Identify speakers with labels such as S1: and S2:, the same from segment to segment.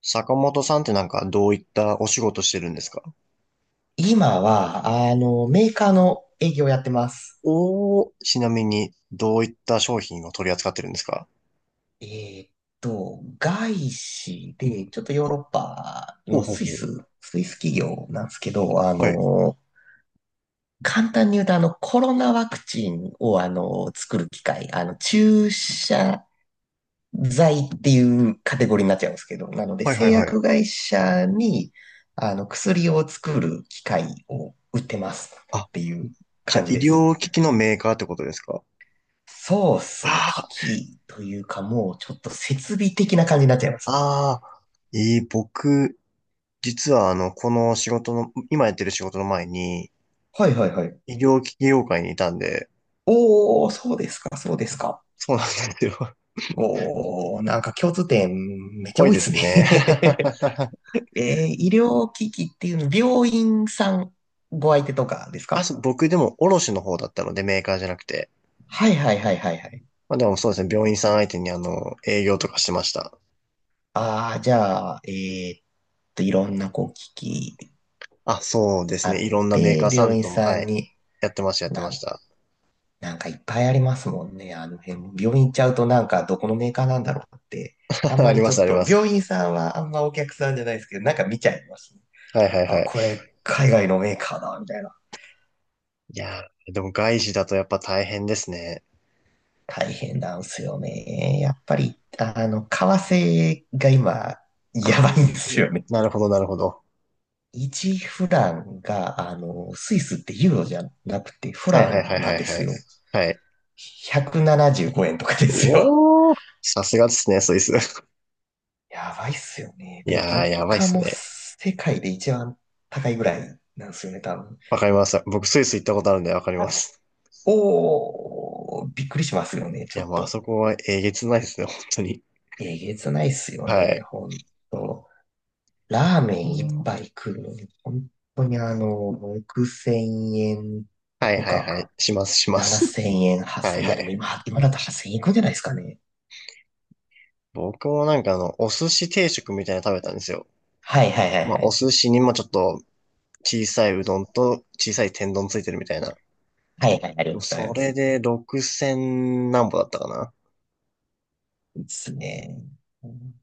S1: 坂本さんってなんかどういったお仕事してるんですか？
S2: 今は、メーカーの営業をやってます。
S1: おー、ちなみにどういった商品を取り扱ってるんですか？
S2: えーっ外資で、ちょっとヨーロ
S1: ほ
S2: ッパ
S1: ほう
S2: の
S1: ほう
S2: スイ
S1: ほう。
S2: ス、スイス企業なんですけど、
S1: はい。
S2: 簡単に言うと、コロナワクチンを、作る機械、注射剤っていうカテゴリーになっちゃうんですけど、なので、
S1: はいは
S2: 製
S1: いはい。
S2: 薬会社に、薬を作る機械を売ってますっ
S1: あ、
S2: ていう
S1: じゃあ
S2: 感じ
S1: 医
S2: で
S1: 療
S2: す。
S1: 機器のメーカーってことですか？
S2: そうっすね。
S1: あ
S2: 危機器というか、もうちょっと設備的な感じになっちゃいますね。
S1: あ、ああ、えー僕、実はこの仕事の、今やってる仕事の前に
S2: はいはいはい。
S1: 医療機器業界にいたんで、
S2: おー、そうですか、そうですか。
S1: そうなんですよ。
S2: おー、なんか共通点めっちゃ
S1: 多い
S2: 多いっ
S1: で
S2: す
S1: す
S2: ね。
S1: ね。
S2: え医療機器っていうの、病院さんご相手とかです
S1: あ、そ
S2: か？
S1: う、僕でも卸の方だったのでメーカーじゃなくて。
S2: はいはいはいはいはい。
S1: まあでもそうですね、病院さん相手に営業とかしてました。
S2: ああ、じゃあ、いろんなこう機器
S1: あ、そうです
S2: あ
S1: ね、い
S2: っ
S1: ろんなメー
S2: て、
S1: カーさ
S2: 病
S1: ん
S2: 院
S1: とも、
S2: さ
S1: は
S2: ん
S1: い、
S2: に、
S1: やってました、やって
S2: な
S1: まし
S2: ん
S1: た。
S2: なんかいっぱいありますもんね。あの辺も。病院行っちゃうとなんかどこのメーカーなんだろうって。あん ま
S1: あり
S2: りち
S1: ます、
S2: ょっ
S1: ありま
S2: と、
S1: す。
S2: 病院さんはあんまお客さんじゃないですけど、なんか見ちゃいますね。
S1: はいはいは
S2: あ、
S1: い。
S2: これ海外のメーカーだ、みたいな。
S1: いやー、でも外資だとやっぱ大変ですね。
S2: 大変なんすよね。やっぱり、為替が今、や
S1: あ
S2: ば
S1: あ
S2: いんですよね。
S1: なるほど、なるほど。
S2: 1フランが、スイスってユーロじゃなくてフ
S1: はい
S2: ラ
S1: はい
S2: ン
S1: はい
S2: な
S1: は
S2: ん
S1: い
S2: で
S1: は
S2: す
S1: い。
S2: よ。
S1: はい。
S2: 175円とかですよ。
S1: おー、さすがですね、スイス。
S2: やばいっすよね。
S1: い
S2: で、
S1: やー、
S2: 物
S1: やばいっ
S2: 価
S1: す
S2: も
S1: ね。
S2: 世界で一番高いぐらいなんですよね、多分。
S1: わかります。僕、スイス行ったことあるんでわかります。
S2: おー、びっくりしますよね、
S1: い
S2: ちょ
S1: や、
S2: っ
S1: もうあ
S2: と。
S1: そこはえげつないですね、本当に。
S2: えげつないっすよ
S1: は
S2: ね、
S1: い。
S2: ほんと。ラーメン1杯食うのに、本当に6000円
S1: はい
S2: と
S1: はい
S2: か、
S1: はい。します、します。
S2: 7000円、
S1: は
S2: 8000
S1: い
S2: 円。い
S1: は
S2: や、でも
S1: い。
S2: 今だと8000円いくんじゃないですかね。
S1: 僕もなんかお寿司定食みたいなの食べたんですよ。
S2: はいはいはい
S1: まあ、
S2: は
S1: お
S2: い。
S1: 寿司にもちょっと小さいうどんと小さい天丼ついてるみたいな。
S2: はいはい、あります、あり
S1: そ
S2: ま
S1: れ
S2: す。
S1: で6000何歩だったかな。
S2: ですね。うん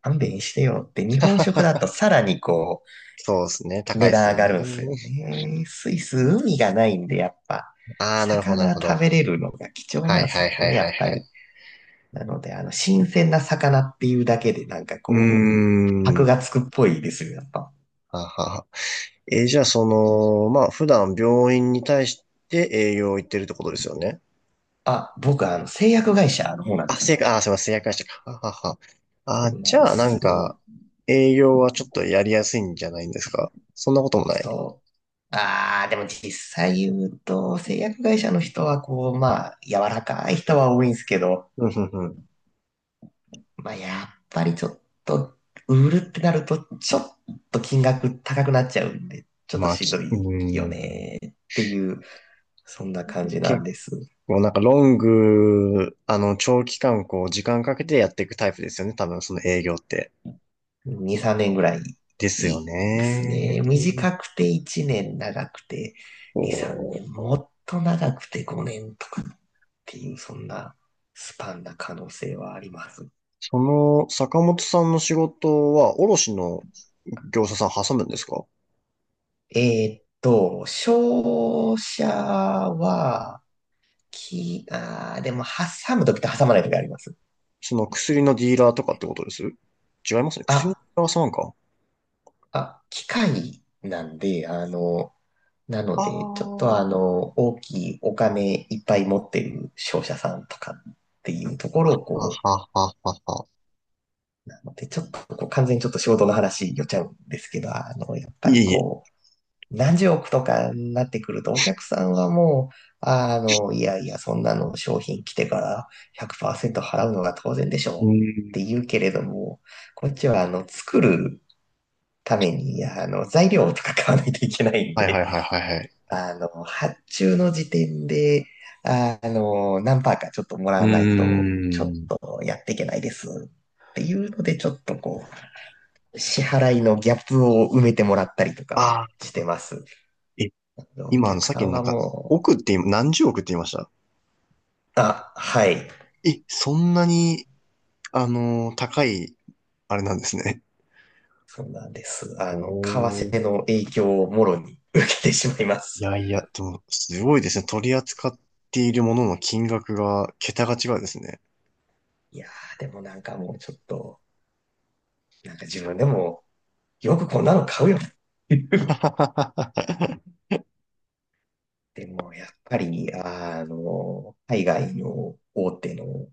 S2: 勘弁してよって、日本食だとさらにこう、
S1: そうですね。高い
S2: 値
S1: です
S2: 段上
S1: よ
S2: が
S1: ね。
S2: るんすよね。スイス、海がないんで、やっぱ、
S1: ああ、なるほど、なる
S2: 魚
S1: ほ
S2: 食
S1: ど。
S2: べれるのが貴重
S1: は
S2: な
S1: い
S2: んです
S1: はい
S2: よ
S1: はい
S2: ね、や
S1: は
S2: っ
S1: い
S2: ぱ
S1: は
S2: り。
S1: い。
S2: なので、新鮮な魚っていうだけで、なんか
S1: うー
S2: こう、箔
S1: ん。
S2: がつくっぽいですよ、やっぱ。
S1: ははは。じゃあ、まあ、普段病院に対して営業行ってるってことですよね？
S2: あ、僕、製薬会社の方なんで
S1: あ、
S2: す。
S1: 正解、あ、すいません、製薬したか。ははは。
S2: そ
S1: あ、
S2: うな
S1: じ
S2: んで
S1: ゃあ、な
S2: す
S1: ん
S2: よ
S1: か、営業はちょっとやりやすいんじゃないんですか？そんなこともない。
S2: そう。ああ、でも実際言うと、製薬会社の人は、こう、まあ、柔らかい人は多いんですけど、
S1: うん、うん、うん。
S2: まあ、やっぱりちょっと、売るってなると、ちょっと金額高くなっちゃうんで、ちょっと
S1: まあ、
S2: しん
S1: き、
S2: どい
S1: うー
S2: よ
S1: ん。
S2: ねっていう、そんな感じなん
S1: 結
S2: です。
S1: 構、なんか、ロング、長期間、こう、時間かけてやっていくタイプですよね。多分、その営業って。
S2: 2、3年ぐらい
S1: で
S2: い
S1: すよ
S2: いです
S1: ね。
S2: ね。短くて1年、長くて2、3
S1: こ
S2: 年、
S1: う、
S2: もっと長くて5年とかっていう、そんなスパンな可能性はあります。
S1: その、坂本さんの仕事は、卸の業者さん挟むんですか？
S2: 商社は、き、あーでも挟むときと挟まないときあります。
S1: その薬のディーラーとかってことです違いますね。薬のディ
S2: あ、
S1: ーラーさんか。
S2: あ、機械なんで、なの
S1: ああ、
S2: で、ちょっと
S1: は
S2: 大きいお金いっぱい持ってる商社さんとかっていうところを
S1: は
S2: こ
S1: ははは。
S2: う、なので、ちょっとこう、完全にちょっと仕事の話寄っちゃうんですけど、やっぱ
S1: いえ
S2: り
S1: いえ。
S2: こう、何十億とかになってくると、お客さんはもう、いやいや、そんなの商品来てから100%払うのが当然でしょう
S1: う
S2: っ
S1: ー
S2: て
S1: ん。
S2: 言うけれども、こっちは作るために、材料とか買わないといけないん
S1: はいは
S2: で、
S1: いはいはいはい。
S2: 発注の時点で、何パーかちょっともら
S1: う
S2: わないと、
S1: ー
S2: ちょっ
S1: ん。
S2: とやっていけないですっていうので、ちょっとこう、支払いのギャップを埋めてもらったりとかは
S1: あ
S2: し
S1: あ、
S2: てます。
S1: え、
S2: お
S1: 今
S2: 客
S1: さっ
S2: さ
S1: き
S2: ん
S1: のなん
S2: は
S1: か、
S2: もう、
S1: 億って今、何十億って言いました？
S2: あ、はい、
S1: え、そんなに、高い、あれなんですね。
S2: そうなんです。
S1: お
S2: 為
S1: ー。
S2: 替の影響をもろに受けてしまいま
S1: い
S2: す。
S1: やいや、でも、すごいですね。取り扱っているものの金額が、桁が違うですね。
S2: いやー、でもなんかもうちょっと、なんか自分でも、よくこんなの買うよってい う
S1: は
S2: でも、やっぱり、海外の大手の、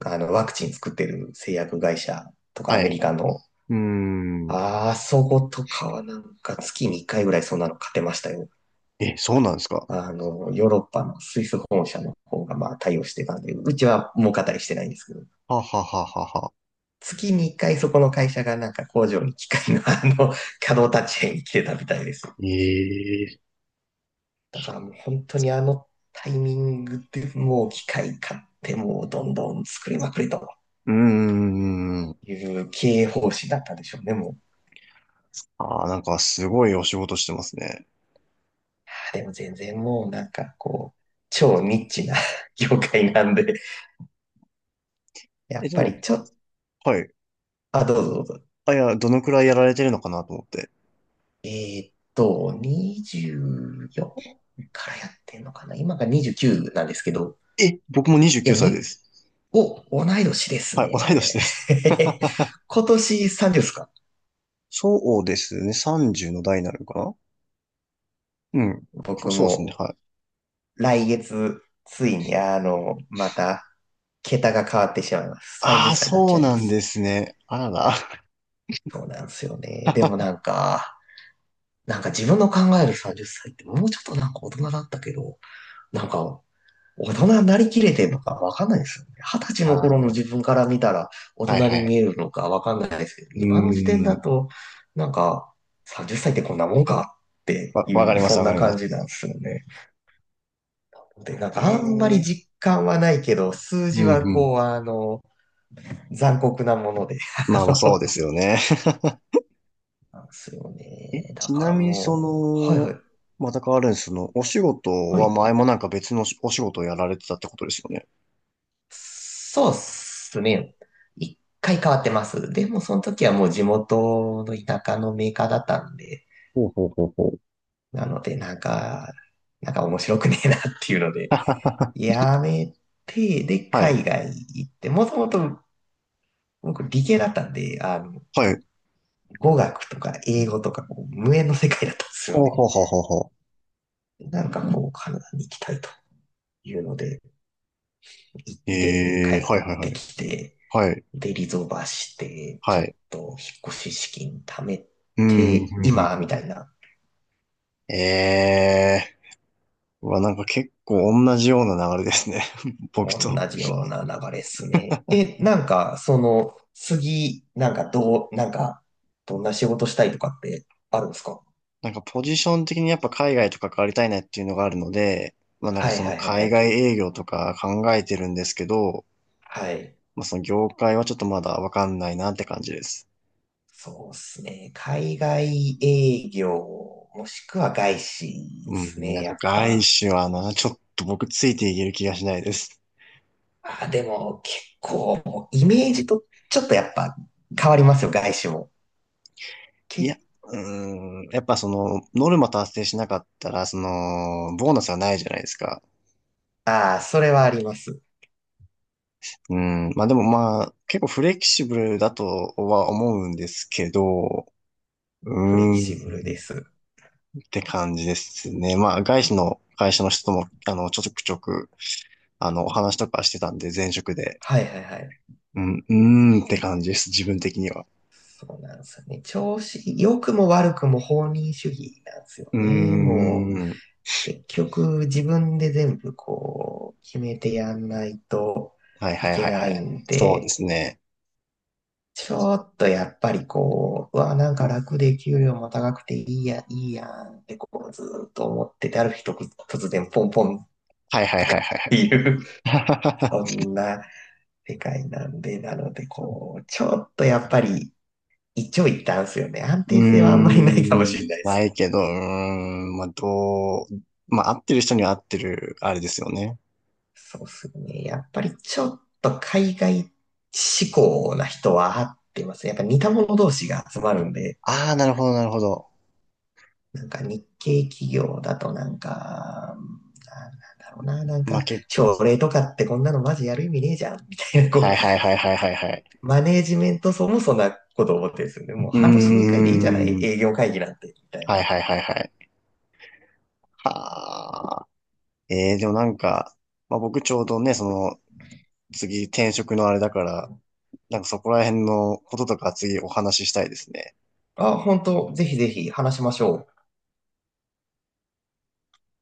S2: ワクチン作ってる製薬会社とかアメ
S1: い。
S2: リカの、
S1: うーん。
S2: あそことかはなんか月に1回ぐらいそんなの勝てましたよ。
S1: え、そうなんですか？
S2: ヨーロッパのスイス本社の方がまあ対応してたんで、うちは儲かったりしてないんですけど、
S1: はははははは。
S2: 月に1回そこの会社がなんか工場に機械の 稼働立ち会に来てたみたいです。
S1: ええ
S2: だからもう本当にあのタイミングでもう機械買ってもうどんどん作りまくりと。
S1: うーん。
S2: いう経営方針だったんでしょうね、もう。
S1: ああ、なんかすごいお仕事してますね。
S2: あーでも全然もうなんかこう、超ニッチな 業界なんで、や
S1: え、
S2: っ
S1: で
S2: ぱ
S1: も、
S2: りちょっと、
S1: はい。
S2: あ、どうぞどうぞ。
S1: あ、いや、どのくらいやられてるのかなと思って。
S2: え24からやってんのかな今が29なんですけど、
S1: え、僕も
S2: い
S1: 29
S2: や、
S1: 歳です。
S2: お、同い年です
S1: はい、同い年
S2: ね。
S1: です。
S2: 今年30ですか？
S1: そうですね。30の代になるのかな？うん。こ
S2: 僕
S1: そうですね。
S2: も
S1: はい。
S2: 来月、ついにまた、桁が変わってしまいます。
S1: あ
S2: 30
S1: あ、
S2: 歳になっ
S1: そ
S2: ちゃ
S1: う
S2: いま
S1: なんで
S2: す。
S1: すね。あらら。
S2: そうなんですよね。でもな んか、なんか自分の考える30歳っさいってもうちょっとなんか大人だったけど、なんか大人になりきれてるのかわかんないですよね。20歳の
S1: あ
S2: 頃の
S1: ー、
S2: 自分から見たら大
S1: はい
S2: 人
S1: は
S2: に
S1: い。
S2: 見えるのかわかんないですけど、
S1: うー
S2: 今の時点だ
S1: ん。
S2: と、なんか30歳っさいってこんなもんかって
S1: わ、
S2: い
S1: わかり
S2: う、
S1: ます、
S2: そん
S1: わか
S2: な
S1: りま
S2: 感
S1: す。
S2: じなんですよね。で、なんかあんまり
S1: ええ
S2: 実感はないけど、数
S1: う
S2: 字
S1: ん、
S2: は
S1: うん。
S2: こう、残酷なもので、
S1: まあ
S2: あ
S1: まあ、そう
S2: の、
S1: ですよね。
S2: なんですよ
S1: え、
S2: ね。だ
S1: ち
S2: か
S1: な
S2: ら
S1: みにそ
S2: もう、はいはい。
S1: の、また変わるんです？そのお仕事
S2: は
S1: は
S2: い。
S1: 前もなんか別のお仕事をやられてたってことですよね？
S2: そうっすね。一回変わってます。でもその時はもう地元の田舎のメーカーだったんで、
S1: ほうほうほうほう。
S2: なのでなんか面白くねえなっていうので、やめて、で、
S1: はい。
S2: 海外行って、もともと僕理系だったんで、
S1: はい。
S2: 語学とか英語とかこう無縁の世界だったんですよ
S1: ほう
S2: ね。
S1: ほうほうほうほ
S2: なんかこう、カナダに行きたいというので、行っ
S1: う
S2: て帰
S1: ええ
S2: っ
S1: ー、はいはいは
S2: て
S1: い。
S2: きて、
S1: はい。
S2: で、リゾバして、ちょ
S1: は
S2: っ
S1: い。
S2: と引っ越し資金貯め
S1: うん、うん、
S2: て、
S1: うん。
S2: 今、
S1: う
S2: み
S1: ん
S2: たいな、
S1: ええー。うわ、なんか結構同じような流れですね。僕と。
S2: 同じような流れっすね。え、なんか、その、次、なんか、どう、なんか、どんな仕事したいとかってあるんですか？
S1: なんかポジション的にやっぱ海外とか変わりたいなっていうのがあるので、まあなんか
S2: はい
S1: その
S2: はいはいは
S1: 海
S2: い。
S1: 外営業とか考えてるんですけど、
S2: はい。
S1: まあ、その業界はちょっとまだわかんないなって感じです。
S2: そうですね。海外営業、もしくは外資で
S1: う
S2: す
S1: ん、いや、
S2: ね、やっ
S1: 外
S2: ぱ。
S1: 資はな、ちょっと僕ついていける気がしないです。
S2: あ、でも結構、イメージとちょっとやっぱ変わりますよ、外資も。け、
S1: いや、うーん、やっぱその、ノルマ達成しなかったら、その、ボーナスはないじゃないですか。
S2: ああ、それはあります。
S1: うん、まあでもまあ、結構フレキシブルだとは思うんですけど、う
S2: フレキ
S1: ー
S2: シブルで
S1: ん、
S2: す。
S1: って感じですね。まあ、外資の会社の人とも、ちょくちょく、お話とかしてたんで、前職で。
S2: はいはいはい。
S1: うん、うーんって感じです、自分的には。
S2: そうなんですよね。調子、良くも悪くも放任主義なんですよ
S1: う
S2: ね。
S1: ー
S2: もう、
S1: ん。
S2: 結局自分で全部こう、決めてやんないと
S1: はいは
S2: い
S1: い
S2: け
S1: はい
S2: な
S1: は
S2: い
S1: い。
S2: ん
S1: そうで
S2: で、
S1: すね。
S2: ちょっとやっぱりこう、うわ、なんか楽で給料も高くていいや、いいやんってこう、ずーっと思ってて、ある日突然ポンポンっ
S1: はいはいはいはいは
S2: てい
S1: い。
S2: う、そんな世界なんで、なので こう、ちょっとやっぱり一長一短っすよね。安
S1: うー
S2: 定性はあんま
S1: ん。
S2: りないかもしれないで
S1: な
S2: す。
S1: いけど、うーん。まあ、どう、まあ、合ってる人には合ってる、あれですよね。
S2: そうっすね。やっぱりちょっと海外志向な人は合ってます。やっぱ似た者同士が集まるんで、
S1: ああ、なるほどなるほど。
S2: なんか日系企業だとなんか、なんだろうな、なん
S1: まあ、
S2: か、
S1: け、
S2: 朝礼とかってこんなのマジやる意味ねえじゃん、みたいな、こ
S1: は
S2: う、
S1: いはいはいはいはいはい。
S2: マネージメント層もそんなこと思ってるんですよね。もう
S1: うー
S2: 半年に1回でいいんじゃない
S1: ん。
S2: 営業会議なんて、みたい
S1: はい
S2: な。
S1: はいはいはい。はあ。ええー、でもなんか、まあ、僕ちょうどね、その、次転職のあれだから、なんかそこら辺のこととか次お話ししたいですね。
S2: あ、本当ぜひぜひ話しましょう。